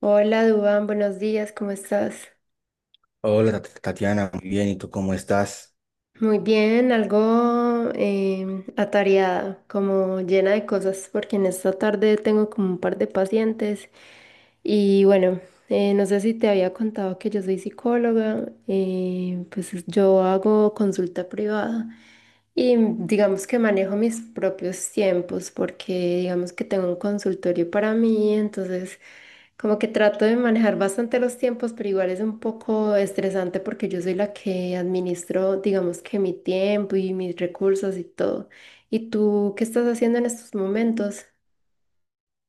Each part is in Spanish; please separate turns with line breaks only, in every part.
Hola, Dubán, buenos días, ¿cómo estás?
Hola Tatiana, muy bien, ¿y tú cómo estás?
Muy bien, algo atareada, como llena de cosas, porque en esta tarde tengo como un par de pacientes y bueno, no sé si te había contado que yo soy psicóloga, pues yo hago consulta privada. Y digamos que manejo mis propios tiempos porque digamos que tengo un consultorio para mí, entonces como que trato de manejar bastante los tiempos, pero igual es un poco estresante porque yo soy la que administro, digamos que mi tiempo y mis recursos y todo. ¿Y tú qué estás haciendo en estos momentos?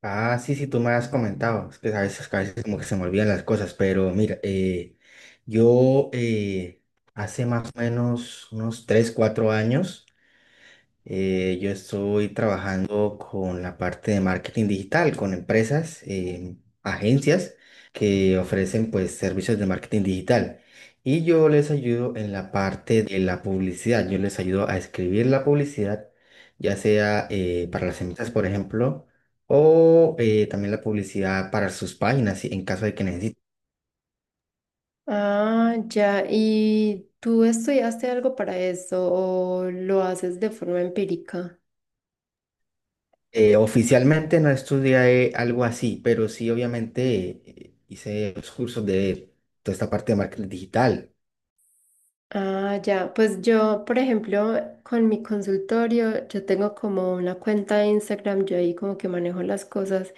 Ah, sí, sí, tú me has comentado, es que a veces como que se me olvidan las cosas, pero mira, yo hace más o menos unos 3 4 años. Yo estoy trabajando con la parte de marketing digital, con empresas, agencias que ofrecen pues servicios de marketing digital. Y yo les ayudo en la parte de la publicidad. Yo les ayudo a escribir la publicidad, ya sea para las empresas, por ejemplo, o también la publicidad para sus páginas, en caso de que necesiten.
Ah, ya. ¿Y tú estudiaste algo para eso o lo haces de forma empírica?
Oficialmente no estudié algo así, pero sí, obviamente, hice los cursos de toda esta parte de marketing digital.
Ah, ya, pues yo, por ejemplo, con mi consultorio, yo tengo como una cuenta de Instagram, yo ahí como que manejo las cosas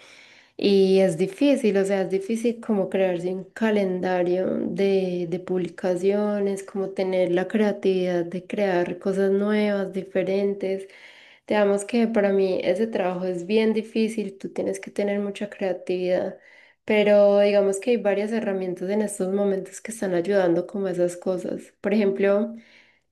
y es difícil, o sea, es difícil como crearse un calendario de publicaciones, como tener la creatividad de crear cosas nuevas, diferentes. Digamos que para mí ese trabajo es bien difícil, tú tienes que tener mucha creatividad. Pero digamos que hay varias herramientas en estos momentos que están ayudando como a esas cosas. Por ejemplo,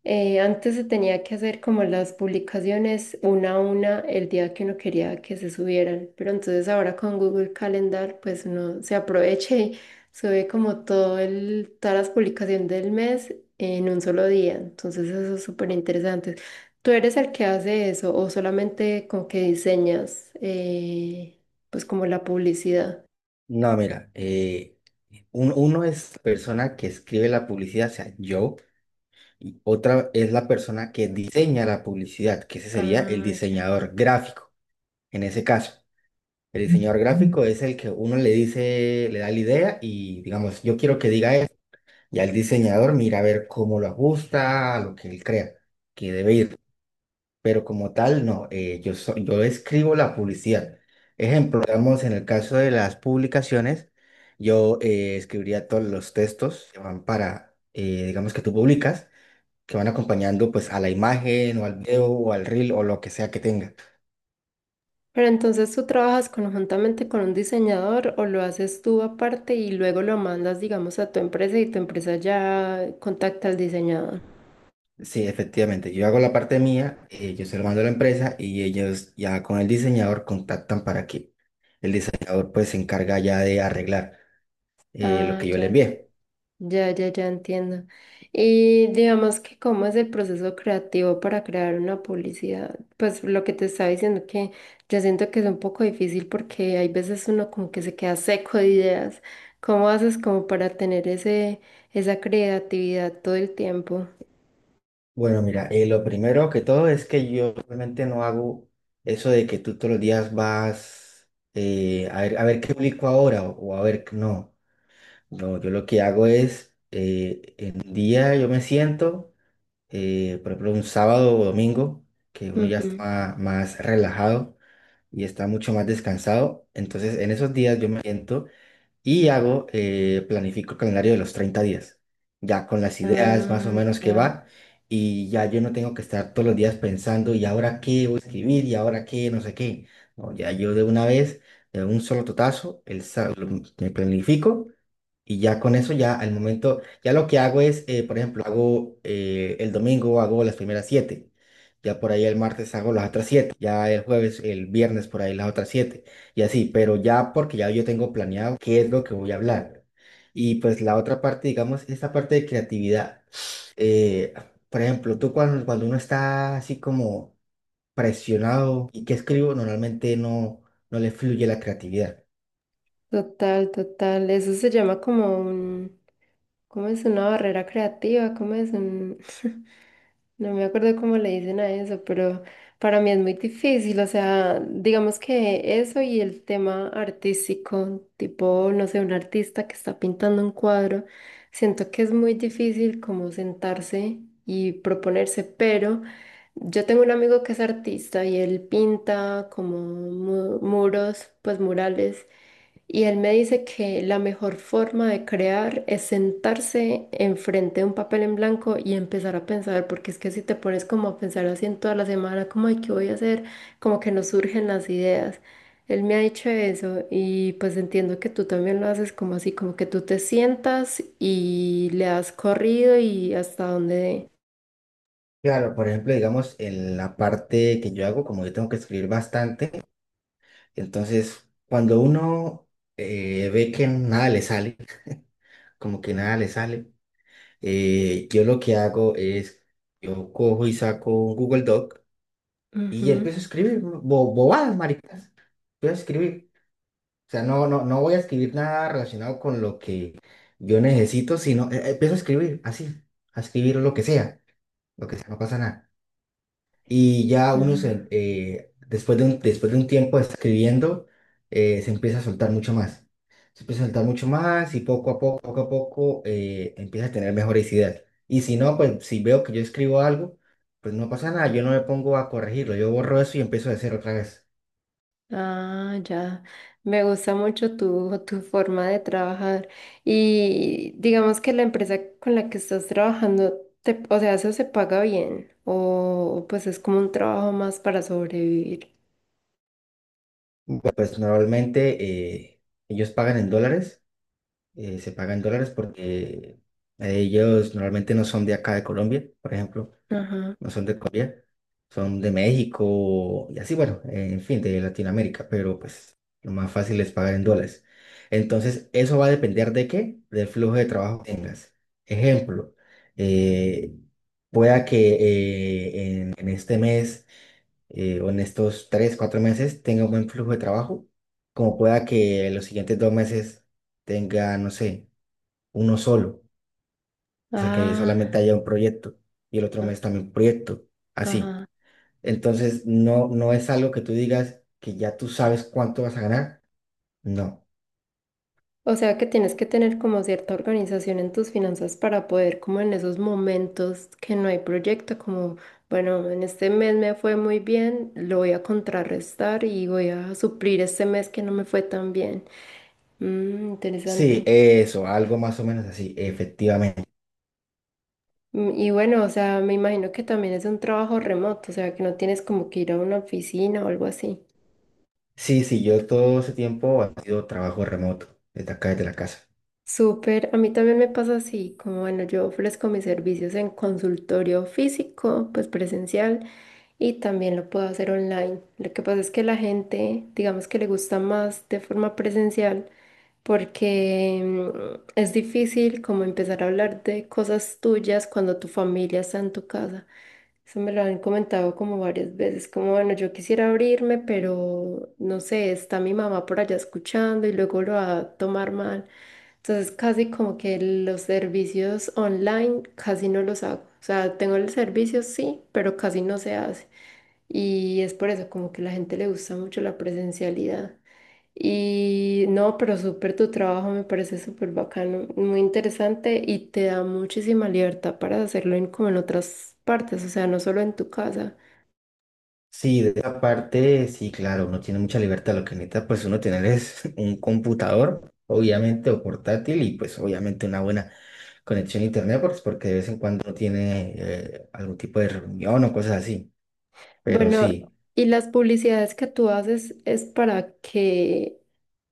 antes se tenía que hacer como las publicaciones una a una el día que uno quería que se subieran, pero entonces ahora con Google Calendar pues uno se aprovecha y sube como todo el, todas las publicaciones del mes en un solo día. Entonces eso es súper interesante. ¿Tú eres el que hace eso o solamente con que diseñas pues como la publicidad?
No, mira, uno es la persona que escribe la publicidad, o sea, yo, y otra es la persona que diseña la publicidad, que ese sería el
Ah, ya.
diseñador gráfico, en ese caso. El diseñador gráfico es el que uno le dice, le da la idea y, digamos, yo quiero que diga esto. Ya el diseñador mira a ver cómo lo ajusta a lo que él crea que debe ir. Pero como tal, no, yo escribo la publicidad. Ejemplo, digamos, en el caso de las publicaciones, yo escribiría todos los textos que van para, digamos, que tú publicas, que van acompañando pues a la imagen o al video o al reel o lo que sea que tenga.
Pero entonces tú trabajas conjuntamente con un diseñador o lo haces tú aparte y luego lo mandas, digamos, a tu empresa y tu empresa ya contacta al diseñador.
Sí, efectivamente, yo hago la parte mía, yo se lo mando a la empresa y ellos ya con el diseñador contactan para que el diseñador pues se encarga ya de arreglar lo
Ah,
que yo le
ya,
envié.
ya, ya, ya entiendo. Y digamos que cómo es el proceso creativo para crear una publicidad. Pues lo que te estaba diciendo que yo siento que es un poco difícil porque hay veces uno como que se queda seco de ideas. ¿Cómo haces como para tener ese, esa creatividad todo el tiempo?
Bueno, mira, lo primero que todo es que yo realmente no hago eso de que tú todos los días vas a ver qué publico ahora o a ver, no, no, yo lo que hago es, en un día yo me siento, por ejemplo, un sábado o domingo, que uno ya está más relajado y está mucho más descansado, entonces en esos días yo me siento y hago, planifico el calendario de los 30 días, ya con las ideas más o
Ah,
menos que
ya.
va, y ya yo no tengo que estar todos los días pensando, y ahora qué voy a escribir, y ahora qué, no sé qué. No, ya yo de una vez, de un solo totazo, me planifico y ya con eso, ya al momento, ya lo que hago es, por ejemplo, hago el domingo, hago las primeras siete. Ya por ahí el martes hago las otras siete. Ya el jueves, el viernes por ahí las otras siete. Y así, pero ya porque ya yo tengo planeado qué es lo que voy a hablar. Y pues la otra parte, digamos, esta parte de creatividad. eh, por ejemplo, tú cuando, cuando uno está así como presionado y que escribo, normalmente no, no le fluye la creatividad.
Total, total. Eso se llama como un, ¿cómo es? Una barrera creativa, ¿cómo es? Un, no me acuerdo cómo le dicen a eso, pero para mí es muy difícil. O sea, digamos que eso y el tema artístico, tipo, no sé, un artista que está pintando un cuadro, siento que es muy difícil como sentarse y proponerse, pero... Yo tengo un amigo que es artista y él pinta como muros, pues murales. Y él me dice que la mejor forma de crear es sentarse enfrente de un papel en blanco y empezar a pensar, porque es que si te pones como a pensar así en toda la semana, como, ay, ¿qué voy a hacer? Como que no surgen las ideas. Él me ha dicho eso y pues entiendo que tú también lo haces como así, como que tú te sientas y le has corrido y hasta donde dé.
Claro, por ejemplo, digamos, en la parte que yo hago, como yo tengo que escribir bastante, entonces cuando uno ve que nada le sale, como que nada le sale, yo lo que hago es, yo cojo y saco un Google Doc y
Ujú.
empiezo a escribir bobadas, maricas, empiezo a escribir. O sea, no, no, no voy a escribir nada relacionado con lo que yo necesito, sino empiezo a escribir así, a escribir lo que sea, no pasa nada. Y ya uno
Ujú.
se, después de un tiempo de estar escribiendo, se empieza a soltar mucho más. Se empieza a soltar mucho más y poco a poco, empieza a tener mejores ideas. Y si no, pues si veo que yo escribo algo, pues no pasa nada, yo no me pongo a corregirlo, yo borro eso y empiezo de cero otra vez.
Ah, ya. Me gusta mucho tu, tu forma de trabajar. Y digamos que la empresa con la que estás trabajando, te, o sea, eso se paga bien. O pues es como un trabajo más para sobrevivir.
Bueno, pues normalmente eh, ellos pagan en dólares, se pagan en dólares porque ellos normalmente no son de acá de Colombia, por ejemplo.
Ajá.
No son de Colombia, son de México y así, bueno, en fin, de Latinoamérica, pero pues lo más fácil es pagar en dólares. Entonces, eso va a depender de qué, del flujo de trabajo que tengas. Ejemplo, eh, pueda que en este mes o en estos 3, 4 meses tenga un buen flujo de trabajo, como pueda que los siguientes 2 meses tenga, no sé, uno solo, o sea, que
Ah,
solamente haya un proyecto y el otro
ah,
mes también un proyecto, así.
ajá.
Entonces, no, no es algo que tú digas que ya tú sabes cuánto vas a ganar. No.
O sea que tienes que tener como cierta organización en tus finanzas para poder, como en esos momentos que no hay proyecto, como, bueno, en este mes me fue muy bien, lo voy a contrarrestar y voy a suplir este mes que no me fue tan bien. Mm,
Sí,
interesante.
eso, algo más o menos así, efectivamente.
Mm, y bueno, o sea, me imagino que también es un trabajo remoto, o sea, que no tienes como que ir a una oficina o algo así.
Sí, sí, yo todo ese tiempo ha sido trabajo remoto, desde acá, desde la casa.
Súper, a mí también me pasa así, como bueno, yo ofrezco mis servicios en consultorio físico, pues presencial, y también lo puedo hacer online. Lo que pasa es que la gente, digamos que le gusta más de forma presencial porque mm, es difícil como empezar a hablar de cosas tuyas cuando tu familia está en tu casa. Eso me lo han comentado como varias veces, como bueno, yo quisiera abrirme, pero no sé, está mi mamá por allá escuchando y luego lo va a tomar mal. Entonces casi como que los servicios online casi no los hago. O sea, tengo el servicio sí, pero casi no se hace. Y es por eso como que a la gente le gusta mucho la presencialidad. Y no, pero súper tu trabajo me parece súper bacano, muy interesante y te da muchísima libertad para hacerlo en, como en otras partes, o sea, no solo en tu casa.
Sí, de esa parte, sí, claro, uno tiene mucha libertad. Lo que necesita, pues, uno tener es un computador, obviamente, o portátil, y pues, obviamente, una buena conexión a internet, pues, porque de vez en cuando uno tiene algún tipo de reunión o cosas así. Pero
Bueno,
sí.
¿y las publicidades que tú haces es para qué?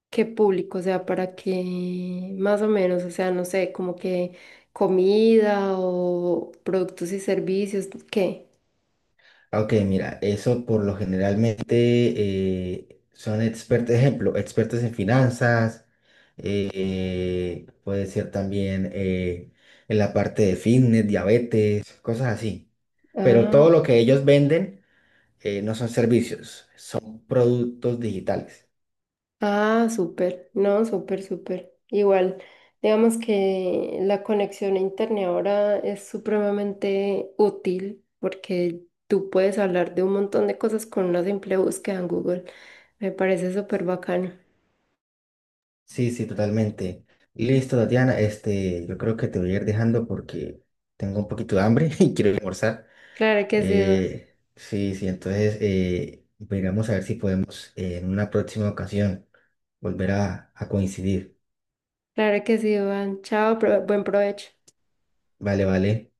¿Qué público? O sea, para que más o menos, o sea, no sé, como que comida o productos y servicios, ¿qué?
Ok, mira, eso por lo generalmente son expertos, ejemplo, expertos en finanzas, puede ser también en la parte de fitness, diabetes, cosas así. Pero
Ah,
todo lo que ellos venden no son servicios, son productos digitales.
ah, súper, no, súper, súper. Igual, digamos que la conexión a internet ahora es supremamente útil porque tú puedes hablar de un montón de cosas con una simple búsqueda en Google. Me parece súper bacano.
Sí, sí, totalmente. Listo, Tatiana, este, yo creo que te voy a ir dejando porque tengo un poquito de hambre y quiero ir a almorzar.
Claro que sí, Duan.
Sí, sí, entonces miramos a ver si podemos en una próxima ocasión volver a coincidir.
Claro que sí, Duan. Chao, buen provecho.
Vale, vale.